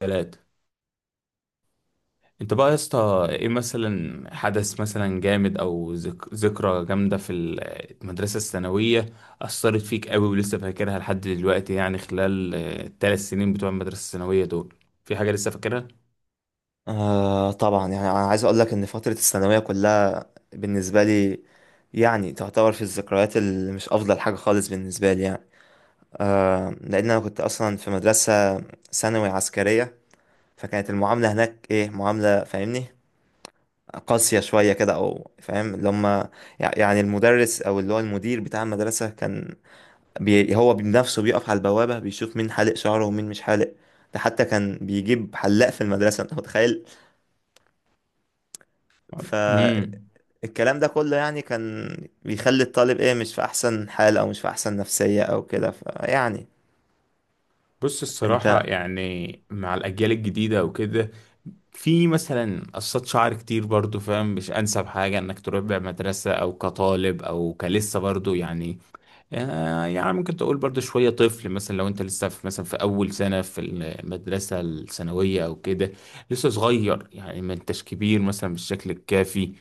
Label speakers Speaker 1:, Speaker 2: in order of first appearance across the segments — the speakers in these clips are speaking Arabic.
Speaker 1: 3. انت يا اسطى ايه مثلا حدث مثلا جامد او ذكرى جامدة المدرسة الثانوية أثرت فيك قوي ولسه فاكرها لحد دلوقتي، يعني خلال ال3 سنين بتوع المدرسة الثانوية دول، في حاجة لسه فاكرها؟
Speaker 2: آه طبعا، يعني انا عايز اقول لك ان فتره الثانويه كلها بالنسبه لي، يعني تعتبر في الذكريات اللي مش افضل حاجه خالص بالنسبه لي، يعني. لان انا كنت اصلا في مدرسه ثانوي عسكريه، فكانت المعامله هناك ايه، معامله فاهمني قاسيه شويه كده، او فاهم اللي هم، يعني المدرس او اللي هو المدير بتاع المدرسه كان بي هو بنفسه بيقف على البوابه بيشوف مين حالق شعره ومين مش حالق، ده حتى كان بيجيب حلاق في المدرسه، انت متخيل؟ ف
Speaker 1: امم.
Speaker 2: الكلام ده كله يعني كان بيخلي الطالب ايه، مش في احسن حال او مش في احسن نفسية او كده، فيعني
Speaker 1: بص الصراحة
Speaker 2: انت.
Speaker 1: يعني مع الأجيال الجديدة وكده، في مثلا قصات شعر كتير برضو، فاهم؟ مش أنسب حاجة إنك تروح بيها مدرسة أو كطالب أو كلسه برضو، يعني يعني ممكن تقول برضو شوية طفل، مثلا لو انت لسه في مثلا في أول سنة في المدرسة الثانوية أو كده، لسه صغير، يعني ما انتش كبير مثلا بالشكل الكافي،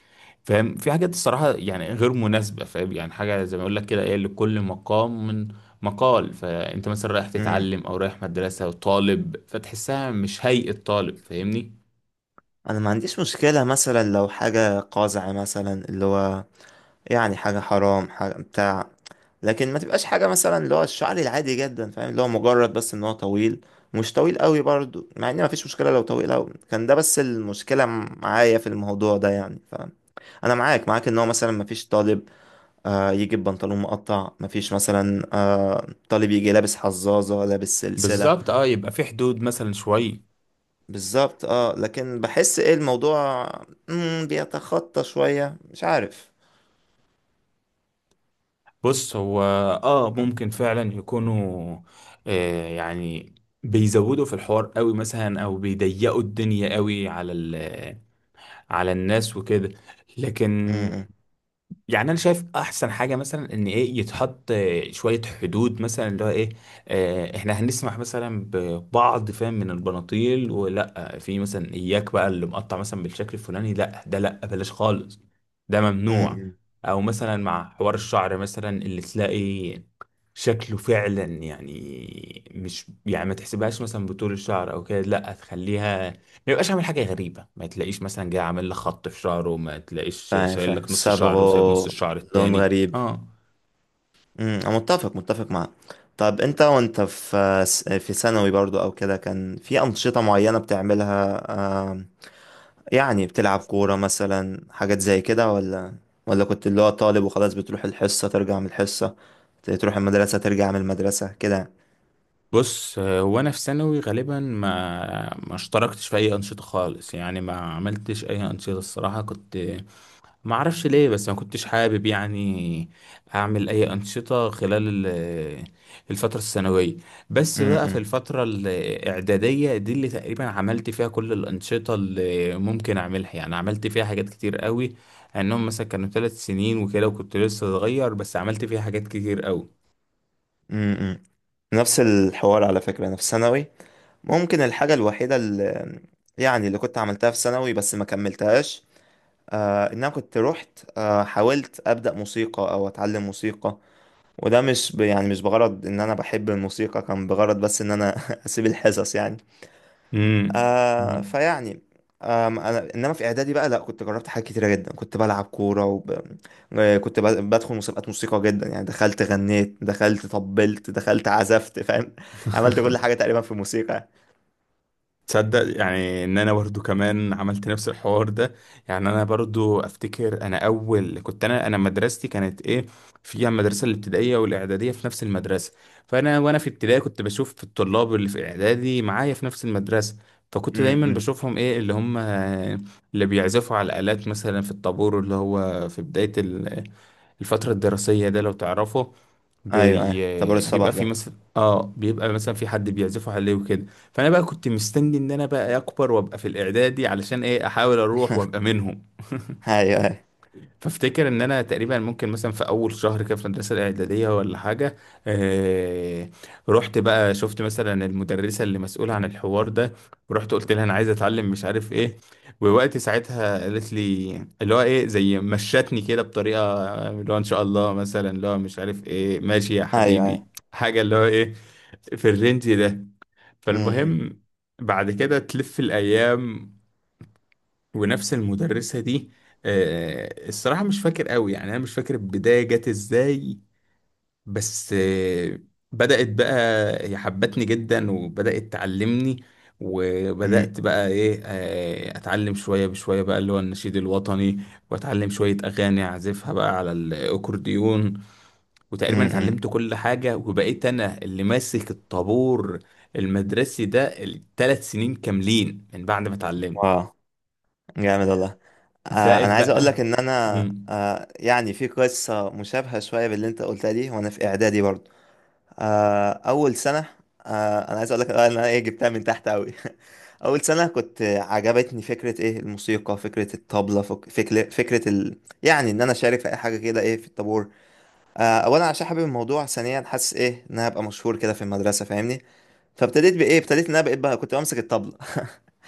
Speaker 1: فاهم؟ في حاجات الصراحة يعني غير مناسبة، فاهم يعني حاجة زي ما أقول لك كده، إيه لكل مقام مقال. فأنت مثلا رايح
Speaker 2: مم.
Speaker 1: تتعلم أو رايح مدرسة وطالب، فتحسها مش هيئة طالب، فاهمني؟
Speaker 2: انا ما عنديش مشكلة مثلا لو حاجة قازعة، مثلا اللي هو يعني حاجة حرام حاجة بتاع، لكن ما تبقاش حاجة مثلا اللي هو الشعري العادي جدا، فاهم اللي هو مجرد بس ان هو طويل، مش طويل قوي برضو، مع ان ما فيش مشكلة لو طويل قوي كان، ده بس المشكلة معايا في الموضوع ده يعني فاهم. انا معاك معاك، ان هو مثلا ما فيش طالب يجي ببنطلون مقطع، مفيش مثلا طالب يجي لابس حزازة لابس سلسلة.
Speaker 1: بالظبط، اه يبقى في حدود مثلا شوية.
Speaker 2: بالظبط اه، لكن بحس ايه الموضوع، بيتخطى شوية، مش عارف.
Speaker 1: بص، هو اه ممكن فعلا يكونوا آه يعني بيزودوا في الحوار قوي، مثلا او بيضيقوا الدنيا قوي على على الناس وكده، لكن
Speaker 2: مم،
Speaker 1: يعني انا شايف احسن حاجه مثلا ان ايه، يتحط شويه حدود، مثلا اللي هو ايه، احنا هنسمح مثلا ببعض، فاهم، من البناطيل، ولا في مثلا اياك بقى اللي مقطع مثلا بالشكل الفلاني، لا ده لا، بلاش خالص، ده
Speaker 2: مم،
Speaker 1: ممنوع.
Speaker 2: مم.
Speaker 1: او مثلا مع حوار الشعر مثلا، اللي تلاقي شكله فعلا يعني مش يعني ما تحسبهاش مثلا بطول الشعر او كده، لا تخليها ما يبقاش عامل حاجة غريبة، ما تلاقيش مثلا جاي عامل لك خط في شعره، ما تلاقيش
Speaker 2: فاهم
Speaker 1: شايل
Speaker 2: فاهم،
Speaker 1: لك نص شعره وسايب نص
Speaker 2: صبغه،
Speaker 1: الشعر
Speaker 2: لون
Speaker 1: التاني،
Speaker 2: غريب.
Speaker 1: اه.
Speaker 2: مم، انا متفق متفق معاك. طب انت وانت في ثانوي برضو او كده، كان في انشطة معينة بتعملها؟ يعني بتلعب كورة مثلا، حاجات زي كده، ولا كنت اللي هو طالب وخلاص، بتروح الحصة ترجع من الحصة، تروح المدرسة ترجع من المدرسة كده؟
Speaker 1: بص هو انا في ثانوي غالبا ما اشتركتش في اي انشطة خالص، يعني ما عملتش اي انشطة الصراحة، كنت ما اعرفش ليه، بس ما كنتش حابب يعني اعمل اي انشطه خلال الفتره الثانويه، بس بقى في
Speaker 2: م-م.
Speaker 1: الفتره الاعداديه دي اللي تقريبا عملت فيها كل الانشطه اللي ممكن اعملها، يعني عملت فيها حاجات كتير قوي، انهم مثلا كانوا 3 سنين وكده، وكنت لسه صغير بس عملت فيها حاجات كتير قوي.
Speaker 2: م-م. نفس الحوار على فكرة، أنا في ثانوي ممكن الحاجة الوحيدة اللي يعني اللي كنت عملتها في ثانوي بس ما كملتهاش، آه إن أنا كنت رحت حاولت أبدأ موسيقى أو أتعلم موسيقى، وده مش يعني مش بغرض إن أنا بحب الموسيقى، كان بغرض بس إن أنا أسيب الحصص يعني.
Speaker 1: امم.
Speaker 2: فيعني انا انما في اعدادي بقى لا، كنت جربت حاجات كتيره جدا، كنت بلعب كوره آه، كنت بدخل مسابقات موسيقى جدا، يعني دخلت غنيت دخلت طبلت دخلت عزفت فاهم عملت كل حاجه تقريبا في الموسيقى.
Speaker 1: تصدق يعني ان انا برضو كمان عملت نفس الحوار ده، يعني انا برضو افتكر انا اول كنت انا مدرستي كانت ايه، فيها المدرسه الابتدائيه والاعداديه في نفس المدرسه، فانا وانا في ابتدائي كنت بشوف في الطلاب اللي في اعدادي معايا في نفس المدرسه، فكنت دايما
Speaker 2: امم.
Speaker 1: بشوفهم ايه اللي هم اللي بيعزفوا على الالات، مثلا في الطابور اللي هو في بدايه الفترة الدراسية، ده لو تعرفه،
Speaker 2: ايوه ايوه، طابور
Speaker 1: بيبقى
Speaker 2: الصباح
Speaker 1: في
Speaker 2: ده.
Speaker 1: مثلا اه، بيبقى مثلا في حد بيعزفه عليه وكده. فانا بقى كنت مستني ان انا بقى اكبر وابقى في الاعدادي علشان ايه، احاول اروح وابقى منهم.
Speaker 2: ايوه ايوه.
Speaker 1: فافتكر ان انا تقريبا ممكن مثلا في اول شهر كده في المدرسه الاعداديه ولا حاجه، آه، رحت بقى شفت مثلا المدرسه اللي مسؤوله عن الحوار ده، ورحت قلت لها انا عايز اتعلم مش عارف ايه، ووقت ساعتها قالت لي اللي هو ايه، زي مشتني كده بطريقه اللي هو ان شاء الله مثلا اللي هو مش عارف ايه، ماشي يا
Speaker 2: ايوه
Speaker 1: حبيبي،
Speaker 2: ايوه.
Speaker 1: حاجه اللي هو ايه، في الرينج ده.
Speaker 2: امم.
Speaker 1: فالمهم، بعد كده تلف الايام، ونفس المدرسة دي، الصراحة مش فاكر قوي، يعني أنا مش فاكر البداية جت إزاي، بس بدأت بقى، هي حبتني جدا وبدأت تعلمني،
Speaker 2: امم.
Speaker 1: وبدأت بقى إيه، أتعلم شوية بشوية بقى اللي هو النشيد الوطني، وأتعلم شوية أغاني أعزفها بقى على الأكورديون، وتقريبا
Speaker 2: امم.
Speaker 1: اتعلمت كل حاجة وبقيت أنا اللي ماسك الطابور المدرسي ده ال3 سنين كاملين من بعد ما اتعلمت.
Speaker 2: واو، جامد والله. انا
Speaker 1: زائد
Speaker 2: عايز اقول
Speaker 1: بقى.
Speaker 2: لك ان انا
Speaker 1: مم.
Speaker 2: يعني في قصه مشابهه شويه باللي انت قلتها دي، وانا في اعدادي برضه. آه، اول سنه، آه، انا عايز اقول لك آه، ان انا ايه جبتها من تحت قوي. اول سنه كنت عجبتني فكره ايه، الموسيقى، فكره الطبله، فكره فكره ال... يعني ان انا اشارك في اي حاجه كده، ايه في الطابور. آه، اولا عشان حابب الموضوع، ثانيا حاسس ايه، ان انا هبقى مشهور كده في المدرسه فاهمني. فابتديت بايه، ابتديت ان انا بقيت بقى كنت بمسك الطبله.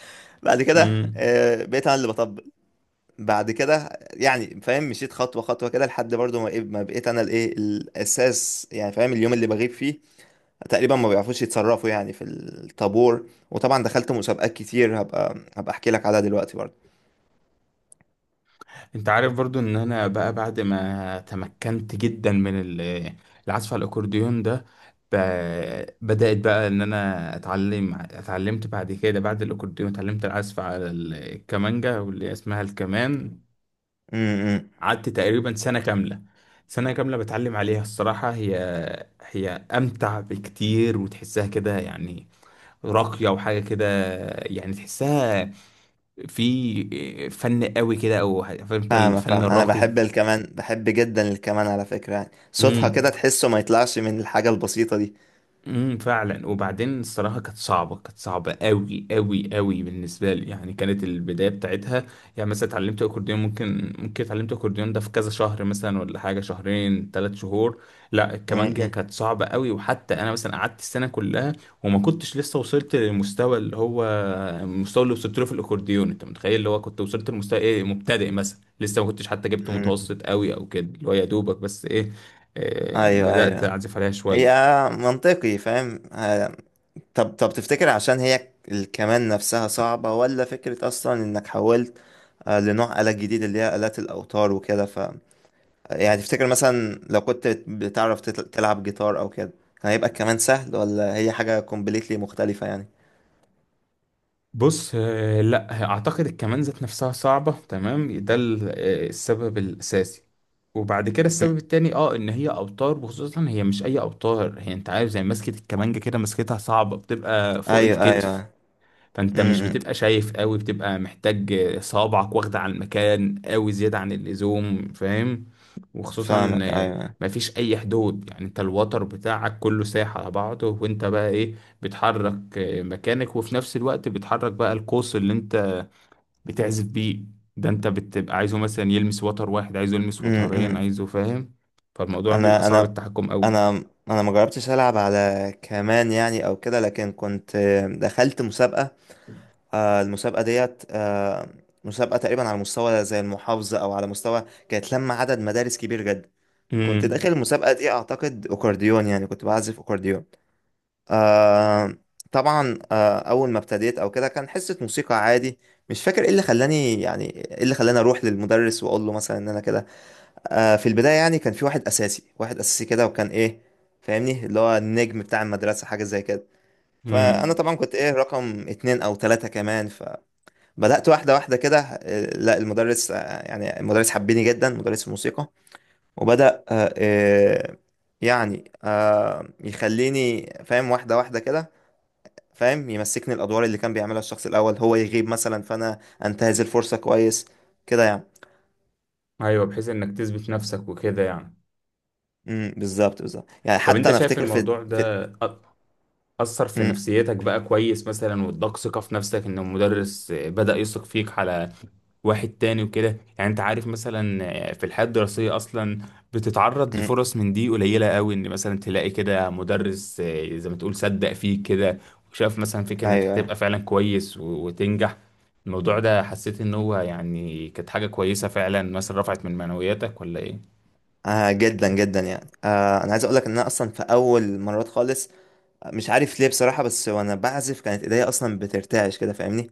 Speaker 2: بعد كده
Speaker 1: امم.
Speaker 2: آه، بقيت انا اللي بطبل. بعد كده يعني فاهم مشيت خطوه خطوه كده، لحد برضو ما إيه، ما بقيت انا الايه الاساس، يعني فاهم اليوم اللي بغيب فيه تقريبا ما بيعرفوش يتصرفوا يعني في الطابور. وطبعا دخلت مسابقات كتير هبقى هبقى احكي لك عليها دلوقتي برضه.
Speaker 1: انت عارف برضو ان انا بقى بعد ما تمكنت جدا من العزف على الاكورديون ده، بدأت بقى ان انا اتعلمت بعد كده، بعد الاكورديون اتعلمت العزف على الكمانجا واللي اسمها الكمان.
Speaker 2: امم.
Speaker 1: قعدت تقريبا سنة كاملة بتعلم عليها. الصراحة هي امتع بكتير، وتحسها كده يعني راقية وحاجة كده، يعني تحسها في فن قوي كده، او فهمت
Speaker 2: فاهمك
Speaker 1: الفن
Speaker 2: فاهم، انا
Speaker 1: الراقي.
Speaker 2: بحب الكمان، بحب جدا الكمان على فكرة، يعني صوتها
Speaker 1: امم.
Speaker 2: كده تحسه ما يطلعش من الحاجة البسيطة دي.
Speaker 1: امم، فعلا. وبعدين الصراحه كانت صعبه قوي قوي قوي بالنسبه لي، يعني كانت البدايه بتاعتها، يعني مثلا اتعلمت اكورديون، ممكن اتعلمت اكورديون ده في كذا شهر مثلا ولا حاجه، شهرين 3 شهور، لا الكمانجه
Speaker 2: امم.
Speaker 1: كانت صعبه قوي، وحتى انا مثلا قعدت السنه كلها وما كنتش لسه وصلت للمستوى اللي هو المستوى اللي وصلت له في الاكورديون، انت متخيل؟ اللي هو كنت وصلت لمستوى ايه، مبتدئ مثلا، لسه ما كنتش حتى جبت
Speaker 2: امم.
Speaker 1: متوسط قوي او كده، اللي هو يا دوبك بس ايه،
Speaker 2: ايوه
Speaker 1: بدأت
Speaker 2: ايوه.
Speaker 1: أعزف عليها
Speaker 2: هي
Speaker 1: شوية.
Speaker 2: منطقي فاهم آه، طب طب تفتكر عشان هي الكمان نفسها صعبة، ولا فكرة أصلا إنك حولت آه، لنوع آلة جديد، اللي هي آلات الأوتار وكده، يعني تفتكر مثلا لو كنت بتعرف تلعب جيتار او كده، كان هيبقى كمان سهل، ولا هي حاجة كومبليتلي مختلفة يعني؟
Speaker 1: بص لا اعتقد الكمان ذات نفسها صعبة تمام، ده السبب الاساسي، وبعد كده السبب
Speaker 2: مم.
Speaker 1: التاني اه ان هي اوتار، وخصوصا هي مش اي اوتار، هي انت عارف زي مسكة الكمانجة كده، مسكتها صعبة، بتبقى فوق
Speaker 2: ايوه
Speaker 1: الكتف،
Speaker 2: ايوه.
Speaker 1: فانت مش
Speaker 2: امم.
Speaker 1: بتبقى شايف قوي، بتبقى محتاج صوابعك واخدة على المكان قوي زيادة عن اللزوم، فاهم؟ وخصوصا
Speaker 2: فاهمك ايوه.
Speaker 1: مفيش اي حدود، يعني انت الوتر بتاعك كله سايح على بعضه، وانت بقى ايه، بتحرك مكانك، وفي نفس الوقت بتحرك بقى القوس اللي انت بتعزف بيه، ده انت بتبقى عايزه مثلا يلمس وتر واحد، عايزه يلمس
Speaker 2: امم.
Speaker 1: وترين،
Speaker 2: امم.
Speaker 1: عايزه، فاهم؟ فالموضوع بيبقى
Speaker 2: انا
Speaker 1: صعب
Speaker 2: انا
Speaker 1: التحكم قوي.
Speaker 2: انا انا ما جربتش العب على كمان يعني او كده، لكن دخلت مسابقة. آه، المسابقة ديت آه، مسابقة تقريبا على مستوى زي المحافظة، او على مستوى كانت لما عدد مدارس كبير جدا. كنت داخل
Speaker 1: امم.
Speaker 2: المسابقة دي اعتقد اكورديون، يعني كنت بعزف اكورديون. آه طبعا اول ما ابتديت او كده كان حصه موسيقى عادي، مش فاكر ايه اللي خلاني يعني، ايه اللي خلاني اروح للمدرس واقول له مثلا ان انا كده. آه في البدايه يعني كان في واحد اساسي، واحد اساسي كده، وكان ايه فاهمني اللي هو النجم بتاع المدرسه، حاجه زي كده. فانا
Speaker 1: امم.
Speaker 2: طبعا كنت ايه، رقم اتنين او تلاته كمان. فبدات واحده واحده كده، آه، لا المدرس آه، يعني المدرس حبني جدا مدرس الموسيقى، وبدا آه آه، يعني آه يخليني فاهم واحده واحده كده، فاهم يمسكني الادوار اللي كان بيعملها الشخص الاول، هو يغيب مثلا فانا انتهز الفرصه كويس كده يعني.
Speaker 1: ايوه، بحيث انك تثبت نفسك وكده يعني.
Speaker 2: امم، بالظبط بالظبط، يعني
Speaker 1: طب
Speaker 2: حتى
Speaker 1: انت
Speaker 2: انا
Speaker 1: شايف
Speaker 2: افتكر في
Speaker 1: الموضوع
Speaker 2: في
Speaker 1: ده أثر في
Speaker 2: امم.
Speaker 1: نفسيتك بقى كويس، مثلا واداك ثقة في نفسك ان المدرس بدأ يثق فيك على واحد تاني وكده، يعني انت عارف مثلا في الحياة الدراسية اصلا بتتعرض
Speaker 2: امم.
Speaker 1: لفرص من دي قليلة قوي، ان مثلا تلاقي كده مدرس زي ما تقول صدق فيك كده، وشاف مثلا فيك انك
Speaker 2: ايوه
Speaker 1: هتبقى
Speaker 2: ايوه.
Speaker 1: فعلا كويس، وتنجح. الموضوع ده حسيت ان هو يعني كانت حاجة كويسة فعلا، مثلا رفعت من معنوياتك ولا ايه؟
Speaker 2: آه جدا جدا يعني، انا عايز اقول لك ان انا اصلا في اول مرات خالص مش عارف ليه بصراحه، بس وانا بعزف كانت ايديا اصلا بترتعش كده فاهمني.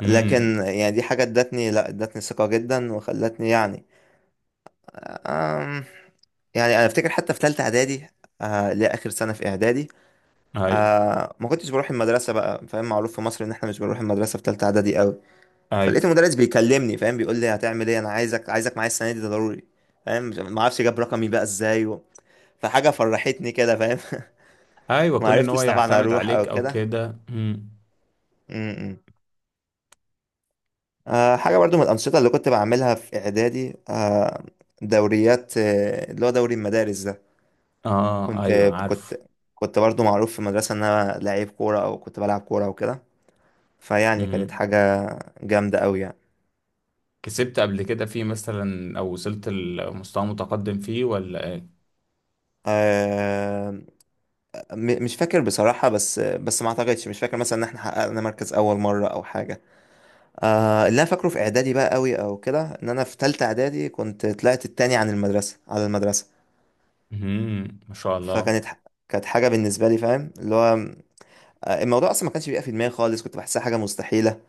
Speaker 1: امم.
Speaker 2: لكن يعني دي حاجه ادتني، لا ادتني ثقه جدا وخلتني يعني آم، يعني انا افتكر حتى في ثالثه اعدادي، آه لاخر سنه في اعدادي،
Speaker 1: ايوه،
Speaker 2: ما كنتش بروح المدرسه بقى فاهم، معروف في مصر ان احنا مش بنروح المدرسه في ثالثه اعدادي قوي.
Speaker 1: ايوه.
Speaker 2: فلقيت المدرس بيكلمني فاهم، بيقول لي هتعمل ايه، انا عايزك عايزك معايا السنه دي، ده ضروري فاهم. ما اعرفش جاب رقمي بقى ازاي فحاجه فرحتني كده فاهم.
Speaker 1: ايوه،
Speaker 2: ما
Speaker 1: كون ان هو
Speaker 2: عرفتش طبعا
Speaker 1: يعتمد
Speaker 2: اروح
Speaker 1: عليك
Speaker 2: او
Speaker 1: او
Speaker 2: كده.
Speaker 1: كده. مم.
Speaker 2: م-م. آه حاجه برضو من الانشطه اللي كنت بعملها في اعدادي، آه دوريات آه، اللي هو دوري المدارس ده.
Speaker 1: اه،
Speaker 2: كنت
Speaker 1: ايوه
Speaker 2: كنت
Speaker 1: عارف.
Speaker 2: كنت برضو معروف في المدرسه ان انا لعيب كوره، او كنت بلعب كوره وكده، فيعني كانت
Speaker 1: مم.
Speaker 2: حاجه جامده قوي يعني.
Speaker 1: كسبت قبل كده فيه مثلا، او وصلت لمستوى متقدم فيه، ولا ايه؟
Speaker 2: آه، مش فاكر بصراحة، بس بس ما اعتقدش، مش فاكر مثلا ان احنا حققنا مركز اول مرة او حاجة. آه اللي انا فاكره في اعدادي بقى قوي او كده، ان انا في تالتة اعدادي كنت طلعت التاني عن المدرسة، على المدرسة.
Speaker 1: مم. ما شاء الله.
Speaker 2: فكانت ح- كانت حاجة بالنسبة لي فاهم اللي هو آه، الموضوع اصلا ما كانش بيبقى في دماغي خالص، كنت بحسها حاجة مستحيلة.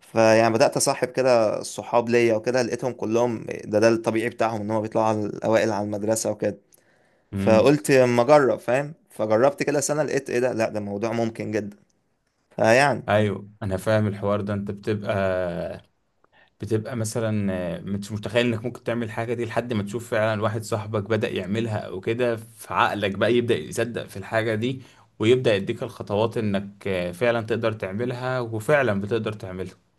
Speaker 2: فيعني بدأت اصاحب كده الصحاب ليا وكده، لقيتهم كلهم ده الطبيعي بتاعهم ان هم بيطلعوا على الاوائل على المدرسة وكده.
Speaker 1: مم.
Speaker 2: فقلت اما اجرب فاهم، فجربت كده سنه لقيت ايه، ده لا ده موضوع ممكن جدا. فيعني
Speaker 1: ايوه انا فاهم الحوار ده، انت بتبقى مثلا مش متخيل انك ممكن تعمل حاجه دي، لحد ما تشوف فعلا واحد صاحبك بدأ يعملها او كده، فعقلك بقى يبدأ يصدق في الحاجه دي، ويبدأ يديك الخطوات انك فعلا تقدر تعملها، وفعلا بتقدر تعملها.